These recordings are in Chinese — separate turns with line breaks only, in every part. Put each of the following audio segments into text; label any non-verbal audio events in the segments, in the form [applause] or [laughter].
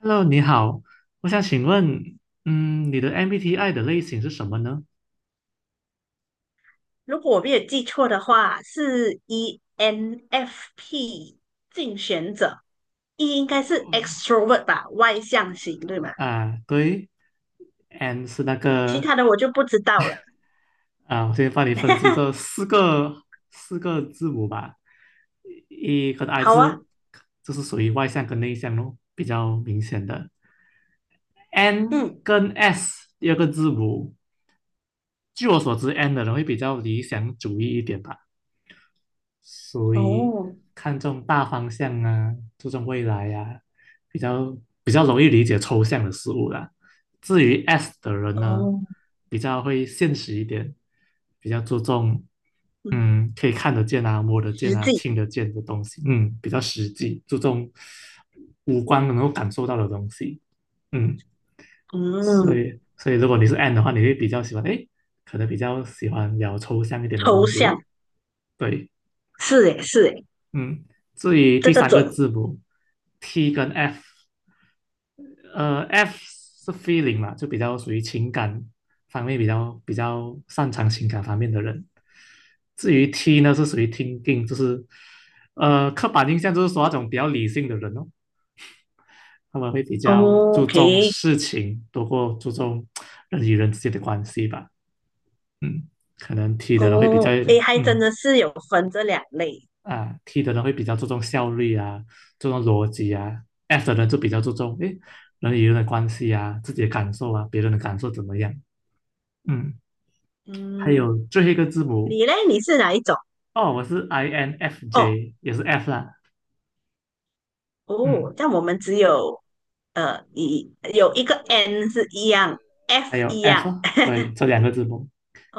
Hello，你好，我想请问，你的 MBTI 的类型是什么呢？
如果我没有记错的话，是 ENFP 竞选者，E 应该是 extrovert 吧，外向型，对吗？
啊，对，N 是那
其
个，
他的我就不知道了。
我先帮你分析这
[laughs]
四个字母吧。一跟 I
好啊，
是属于外向跟内向咯，比较明显的。N
嗯，
跟 S 第二个字母，据我所知，N 的人会比较理想主义一点吧。属于
哦，
看重大方向啊，注重未来呀、比较比较容易理解抽象的事物啦。至于 S 的人呢，
哦，
比较会现实一点，比较注重
嗯，
可以看得见啊、摸得见
实
啊、
际，
听得见的东西，嗯，比较实际，注重五官能够感受到的东西，嗯，
嗯，
所以如果你是 N 的话，你会比较喜欢，哎，可能比较喜欢聊抽象一点的
抽
东西
象，
咯，对。
是诶，是诶，
嗯，至于第
这个
三个
准。
字母 T 跟 F，F 是 feeling 嘛，就比较属于情感方面比较擅长情感方面的人。至于 T 呢，是属于 thinking，就是刻板印象就是说那种比较理性的人哦，他们会比较
哦
注重
OK，
事情，多过注重人与人之间的关系吧。嗯，可能 T 的人会比较
哦，诶，还真
嗯
的是有分这两类。
啊，T 的人会比较注重效率啊，注重逻辑啊，F 的人就比较注重诶人与人的关系啊，自己的感受啊，别人的感受怎么样？嗯，还
嗯，
有最后一个字母
你嘞，你是哪一种？
哦，我是
哦，
INFJ，也是 F 啦，
哦，
嗯，
但我们只有一有一个 n 是一样
还
，f
有
一
F，
样。
哦对，
[laughs]
这两个字母，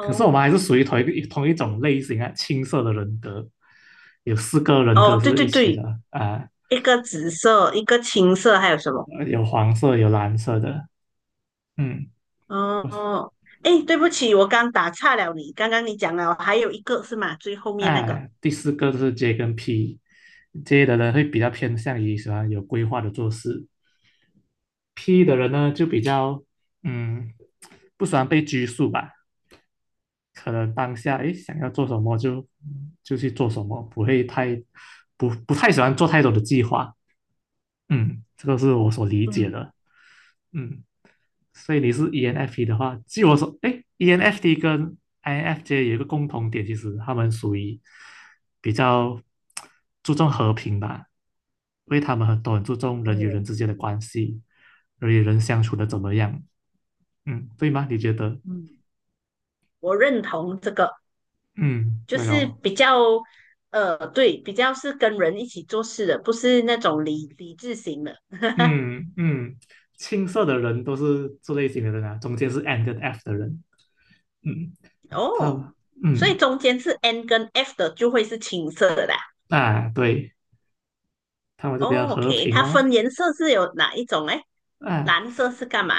可是我们还是属于同一种类型啊，青色的人格，有四个人
哦，
格
对
是一
对
起
对，
的啊，
一个紫色，一个青色，还有什么？
有黄色有蓝色的，嗯，我
哦，哎，对不起，我刚打岔了你。刚刚你讲了，还有一个是吗？最后面那个，
哎，第四个就是 J 跟 P，J 的人会比较偏向于喜欢有规划的做事，P 的人呢就比较嗯不喜欢被拘束吧，可能当下哎想要做什么就去做什么，不会太不太喜欢做太多的计划，嗯，这个是我所理解
嗯，
的。嗯，所以你是 ENFP 的话，据我所，哎，ENFP 跟 INFJ 有一个共同点，其实他们属于比较注重和平吧，因为他们很多很注重人与
哦，
人之间的关系，人与人相处的怎么样，嗯，对吗？你觉得？
嗯，我认同这个，
嗯，
就
对
是
哦，
比较，对，比较是跟人一起做事的，不是那种理智型的。
嗯嗯，青色的人都是这类型的人啊，中间是 N 跟 F 的人，嗯，他
哦，
们，
所以
嗯，
中间是 n 跟 f 的，就会是青色的啦。
啊，对，他们就比较
哦
和
，OK，
平
它
哦，
分颜色是有哪一种嘞？
啊。
蓝色是干嘛？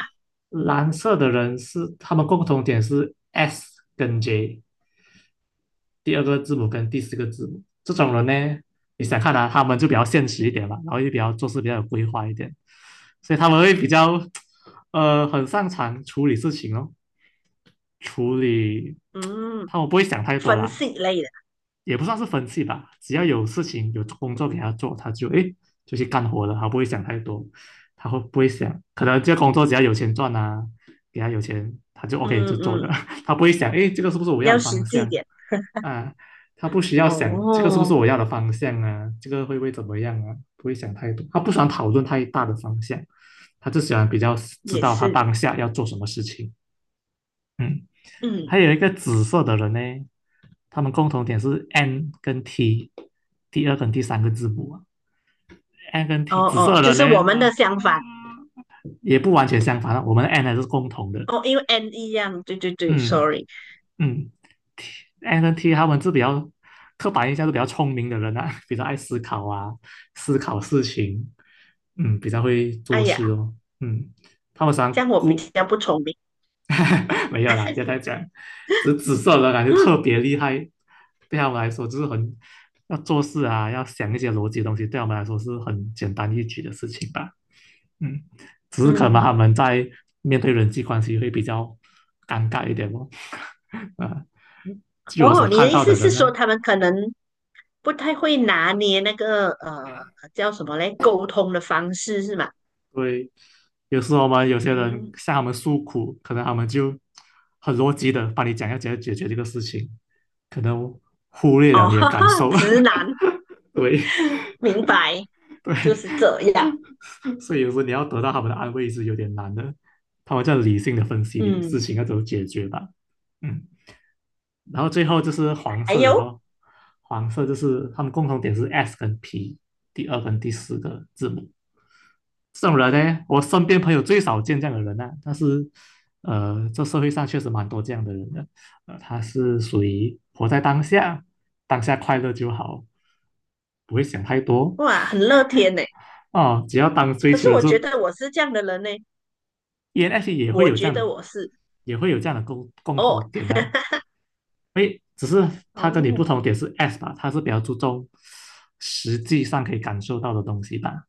蓝色的人是他们共同点是 S 跟 J，第二个字母跟第四个字母。这种人呢，你想看啊，他们就比较现实一点嘛，然后也比较做事比较有规划一点，所以他们会比较很擅长处理事情哦，处理
嗯，
他们不会想太多
分
啦，
析类的。
也不算是分析吧，只要有事情有工作给他做，他就哎，就去干活了，他不会想太多，他会不会想可能这个工作只要有钱赚啊，给他有钱他就 OK
嗯
就做了，
嗯，
他不会想哎，这个是不是我要
要
的方
实际一
向
点。
啊，他不需要想这个是不是
哦，
我要的方向啊，这个会不会怎么样啊，不会想太多，他不喜欢讨论太大的方向，他就喜欢比较知
也
道他
是。
当下要做什么事情，嗯。还
嗯，
有一个紫色的人呢，他们共同点是 N 跟 T，第二跟第三个字母啊，N 跟
哦
T，紫
哦，
色
就
的
是
人
我
呢，
们的相反。
也不完全相反啊我们的 N 还是共同的，
哦，因为 N 一样。对对对
嗯
，sorry。
嗯，T N 跟 T 他们是比较刻板印象是比较聪明的人啊，[laughs] 比较爱思考啊，思考事情，嗯，比较会
哎
做
呀，
事哦，嗯，他们
这
常
样我比
顾
较不聪明。
[laughs] 没有啦，要再讲，只紫色的感觉特
嗯
别厉害，对他们来说就是很要做事啊，要想一些逻辑的东西，对他们来说是很简单易举的事情吧。嗯，只是可能他
嗯，
们在面对人际关系会比较尴尬一点哦。啊，据我所
哦，你
看
的意
到的
思是
人呢，
说他们可能不太会拿捏那个叫什么嘞？沟通的方式是吗？
对，有时候我们有些人
嗯，
向他们诉苦，可能他们就很逻辑的帮你讲要怎样解决这个事情，可能忽略了
哦，[laughs]
你的
哈
感
哈，
受。
直男，
[laughs] 对
[laughs] 明白。就
对，
是这样。
[laughs] 所以有时候你要得到他们的安慰是有点难的，他们在理性的分析你的事
嗯，
情要怎么解决吧。嗯，然后最后就是黄
还
色的
有
咯，黄色就是他们共同点是 S 跟 P，第二跟第四个字母。这种人呢，我身边朋友最少见这样的人呢、但是，这社会上确实蛮多这样的人的。他是属于活在当下，当下快乐就好，不会想太多
哇，很乐天呢。
哦。[laughs] 只要当追
可
求
是
了
我
之后
觉得我是这样的人呢，
e n f P 也会
我
有这
觉
样
得
的，
我是
也会有这样的共同
哦
点呢、啊诶，只是他跟你不
哦
同点是 S 吧，他是比较注重实际上可以感受到的东西吧。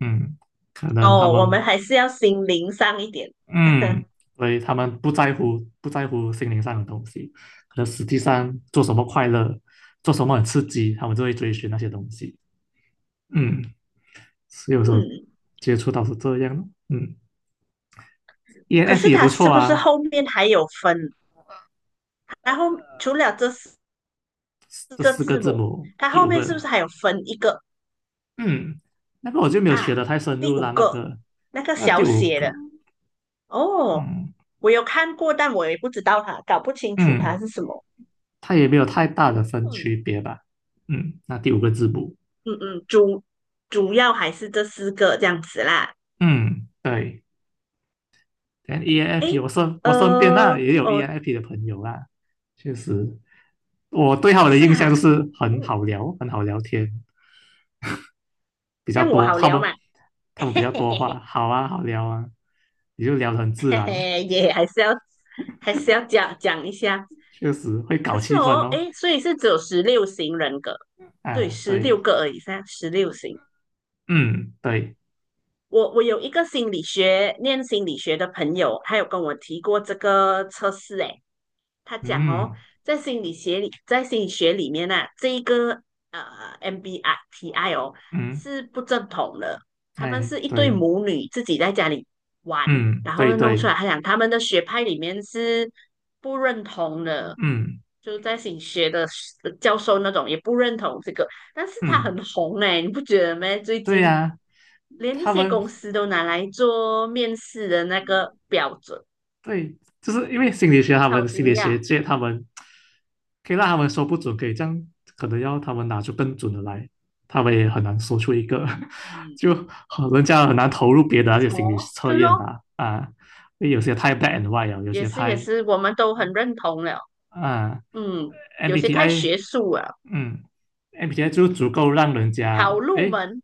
嗯，可能他
哦，我
们
们还是要心灵上一点。
嗯，
[laughs]
所以他们不在乎心灵上的东西，可能实际上做什么快乐，做什么很刺激，他们就会追寻那些东西。嗯，是有时候
嗯，
接触到是这样的。嗯
可
，ENF
是
也
他
不错
是不是
啊，
后面还有分？然后除了这四
这
个
四个
字
字
母，
母，
它
第
后
五
面是不是
个，
还有分一个
嗯，那个我就没有学的
啊？
太深
第
入
五
了，那
个
个
那个
那第
小
五
写
个，
的哦，
嗯
我有看过，但我也不知道它，搞不清楚它
嗯，
是什么。
它也没有太大的分
嗯，
区别吧。嗯，那第五个字母，
嗯嗯，主要还是这四个这样子啦。
嗯，对。但 ENFP
诶，
我身边那
呃，
也有
哦，
ENFP 的朋友啦，确实我对他们的
是
印象就
哈，
是很
嗯，
好聊，很好聊天比
这
较
样我
多，
好聊嘛，[laughs]
他们比
嘿
较
嘿
多
嘿
话，
嘿，
好啊，好聊啊，也就聊得很自然哦，
嘿也还是要讲讲一下。
确实会
可
搞
是
气
哦，
氛哦，
诶，所以是只有16型人格，对，
啊，
十六
对，
个而已，噻，十六型。
嗯，对，
我有一个心理学念心理学的朋友，他有跟我提过这个测试，诶，他讲哦，
嗯
在心理学里面呢、啊这一个呃 MBTI 哦
嗯，
是不正统的，他们
哎，
是一对
对，
母女自己在家里玩，
嗯，
然
对
后弄出
对，
来。他讲他们的学派里面是不认同的，
嗯
就在心理学的教授那种也不认同这个，但是他
嗯，
很红哎，欸你不觉得吗？最
对
近
呀、
连一
他
些
们
公司都拿来做面试的那个标准，
对，就是因为心理学，他
超
们心
惊
理学
讶。
界，他们可以让他们说不准，可以这样，可能要他们拿出更准的来，他们也很难说出一个，[laughs]
嗯。
就很人家很难投入别的那些心理
哦，
测
对咯，
验吧，啊，因为有些太 b a d and white 了，有
也
些
是也
太
是，我们都很认同了。
啊
嗯，有些太学
，MBTI，
术了，
嗯，MBTI 就足够让人家
好入
诶
门。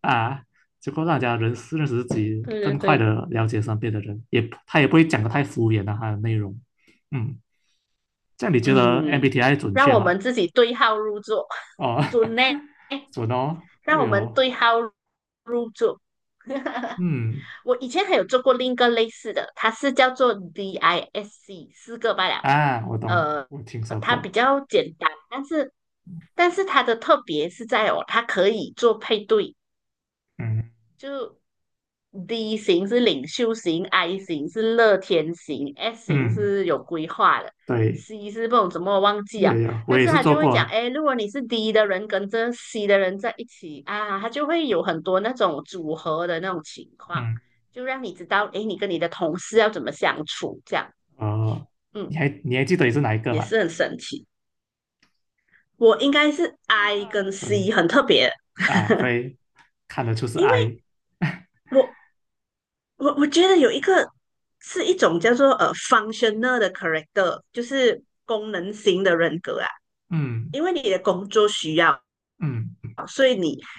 啊，足够让人家认识自己，
对对
更快
对，
的了解身边的人，也他也不会讲的太敷衍的、啊他的内容，嗯。这样你觉得
嗯，
MBTI 准
让
确
我
吗？
们自己对号入座，
哦，
[laughs] 准呢，
[laughs] 准哦，
让我
对
们
哦，
对号入座。[laughs]
嗯
我以前还有做过另一个类似的，它是叫做 DISC，四个罢了。
啊，我懂，
呃，
我听说
它比
过，
较简单，但是它的特别是在哦，它可以做配对，
嗯
就 D 型是领袖型，I 型是乐天型，S 型
嗯，
是有规划的
对，
，C 是不懂怎么忘记啊。
有有，我
但
也
是
是
他
做
就会
过
讲，
啊，
哎，如果你是 D 的人跟这 C 的人在一起啊，他就会有很多那种组合的那种情况，
嗯
就让你知道，哎，你跟你的同事要怎么相处，这样，
哦，
嗯，
你还记得你是哪一个
也
吗？
是很神奇。我应该是 I 跟 C
对
很特别，
啊，对，看得出是
因为
I，[laughs]
我我觉得有一个是一种叫做functional 的 character，就是功能型的人格啊。
嗯
因为你的工作需要，
嗯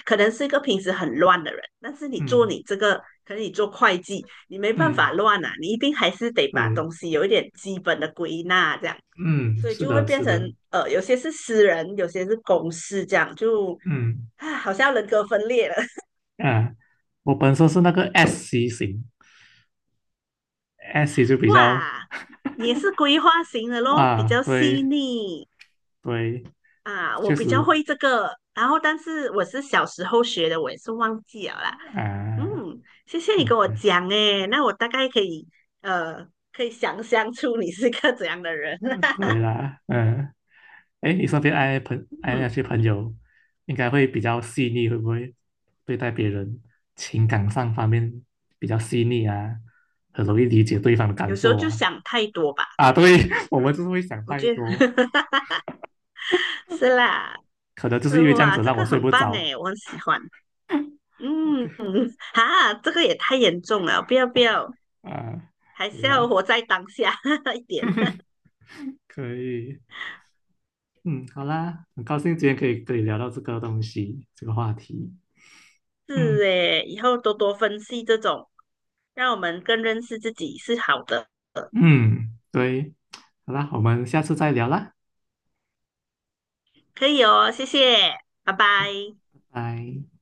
可能是一个平时很乱的人，但是你做
嗯
你这个，可能你做会计，你没办
嗯，
法乱啊，你一定还是得把
对，
东西有一点基本的归纳这样，
嗯，
所以
是
就会
的，
变
是
成
的，
有些是私人，有些是公事这样，就
嗯
啊，好像人格分裂了。
啊，我本身是那个 SC 型，SC 就
[laughs]
比较
哇，你也是规划型的咯，比
啊，
较细
对
腻。
对。
啊，我
确
比较
实
会这个，然后但是我是小时候学的，我也是忘记了啦。嗯，
啊，
谢谢你
嗯，
跟我
对，
讲诶，那我大概呃可以想象出你是个怎样的人。
嗯，
[laughs]
对啦，嗯，哎，你身边爱朋爱那
嗯，
些朋友，应该会比较细腻，会不会对待别人情感上方面比较细腻啊？很容易理解对方的感
有时候
受
就
啊？
想太多吧，
啊，对，[laughs] 我们就是会想
我
太
觉得
多，
[laughs] 是啦。
可能就是因为这样
哇，
子
这
让我
个
睡
很
不
棒
着。
诶，我很喜欢。
OK，
嗯，哈，这个也太严重了，不要不要，
啊，
还
对
是要
啦，
活在当下 [laughs] 一点。
可以，嗯，好啦，很高兴今天可以跟你聊到这个东西，这个话题，
是
嗯
诶，以后多多分析这种，让我们更认识自己是好的，
嗯，对。好啦，我们下次再聊啦，
可以哦，谢谢，拜拜。
拜。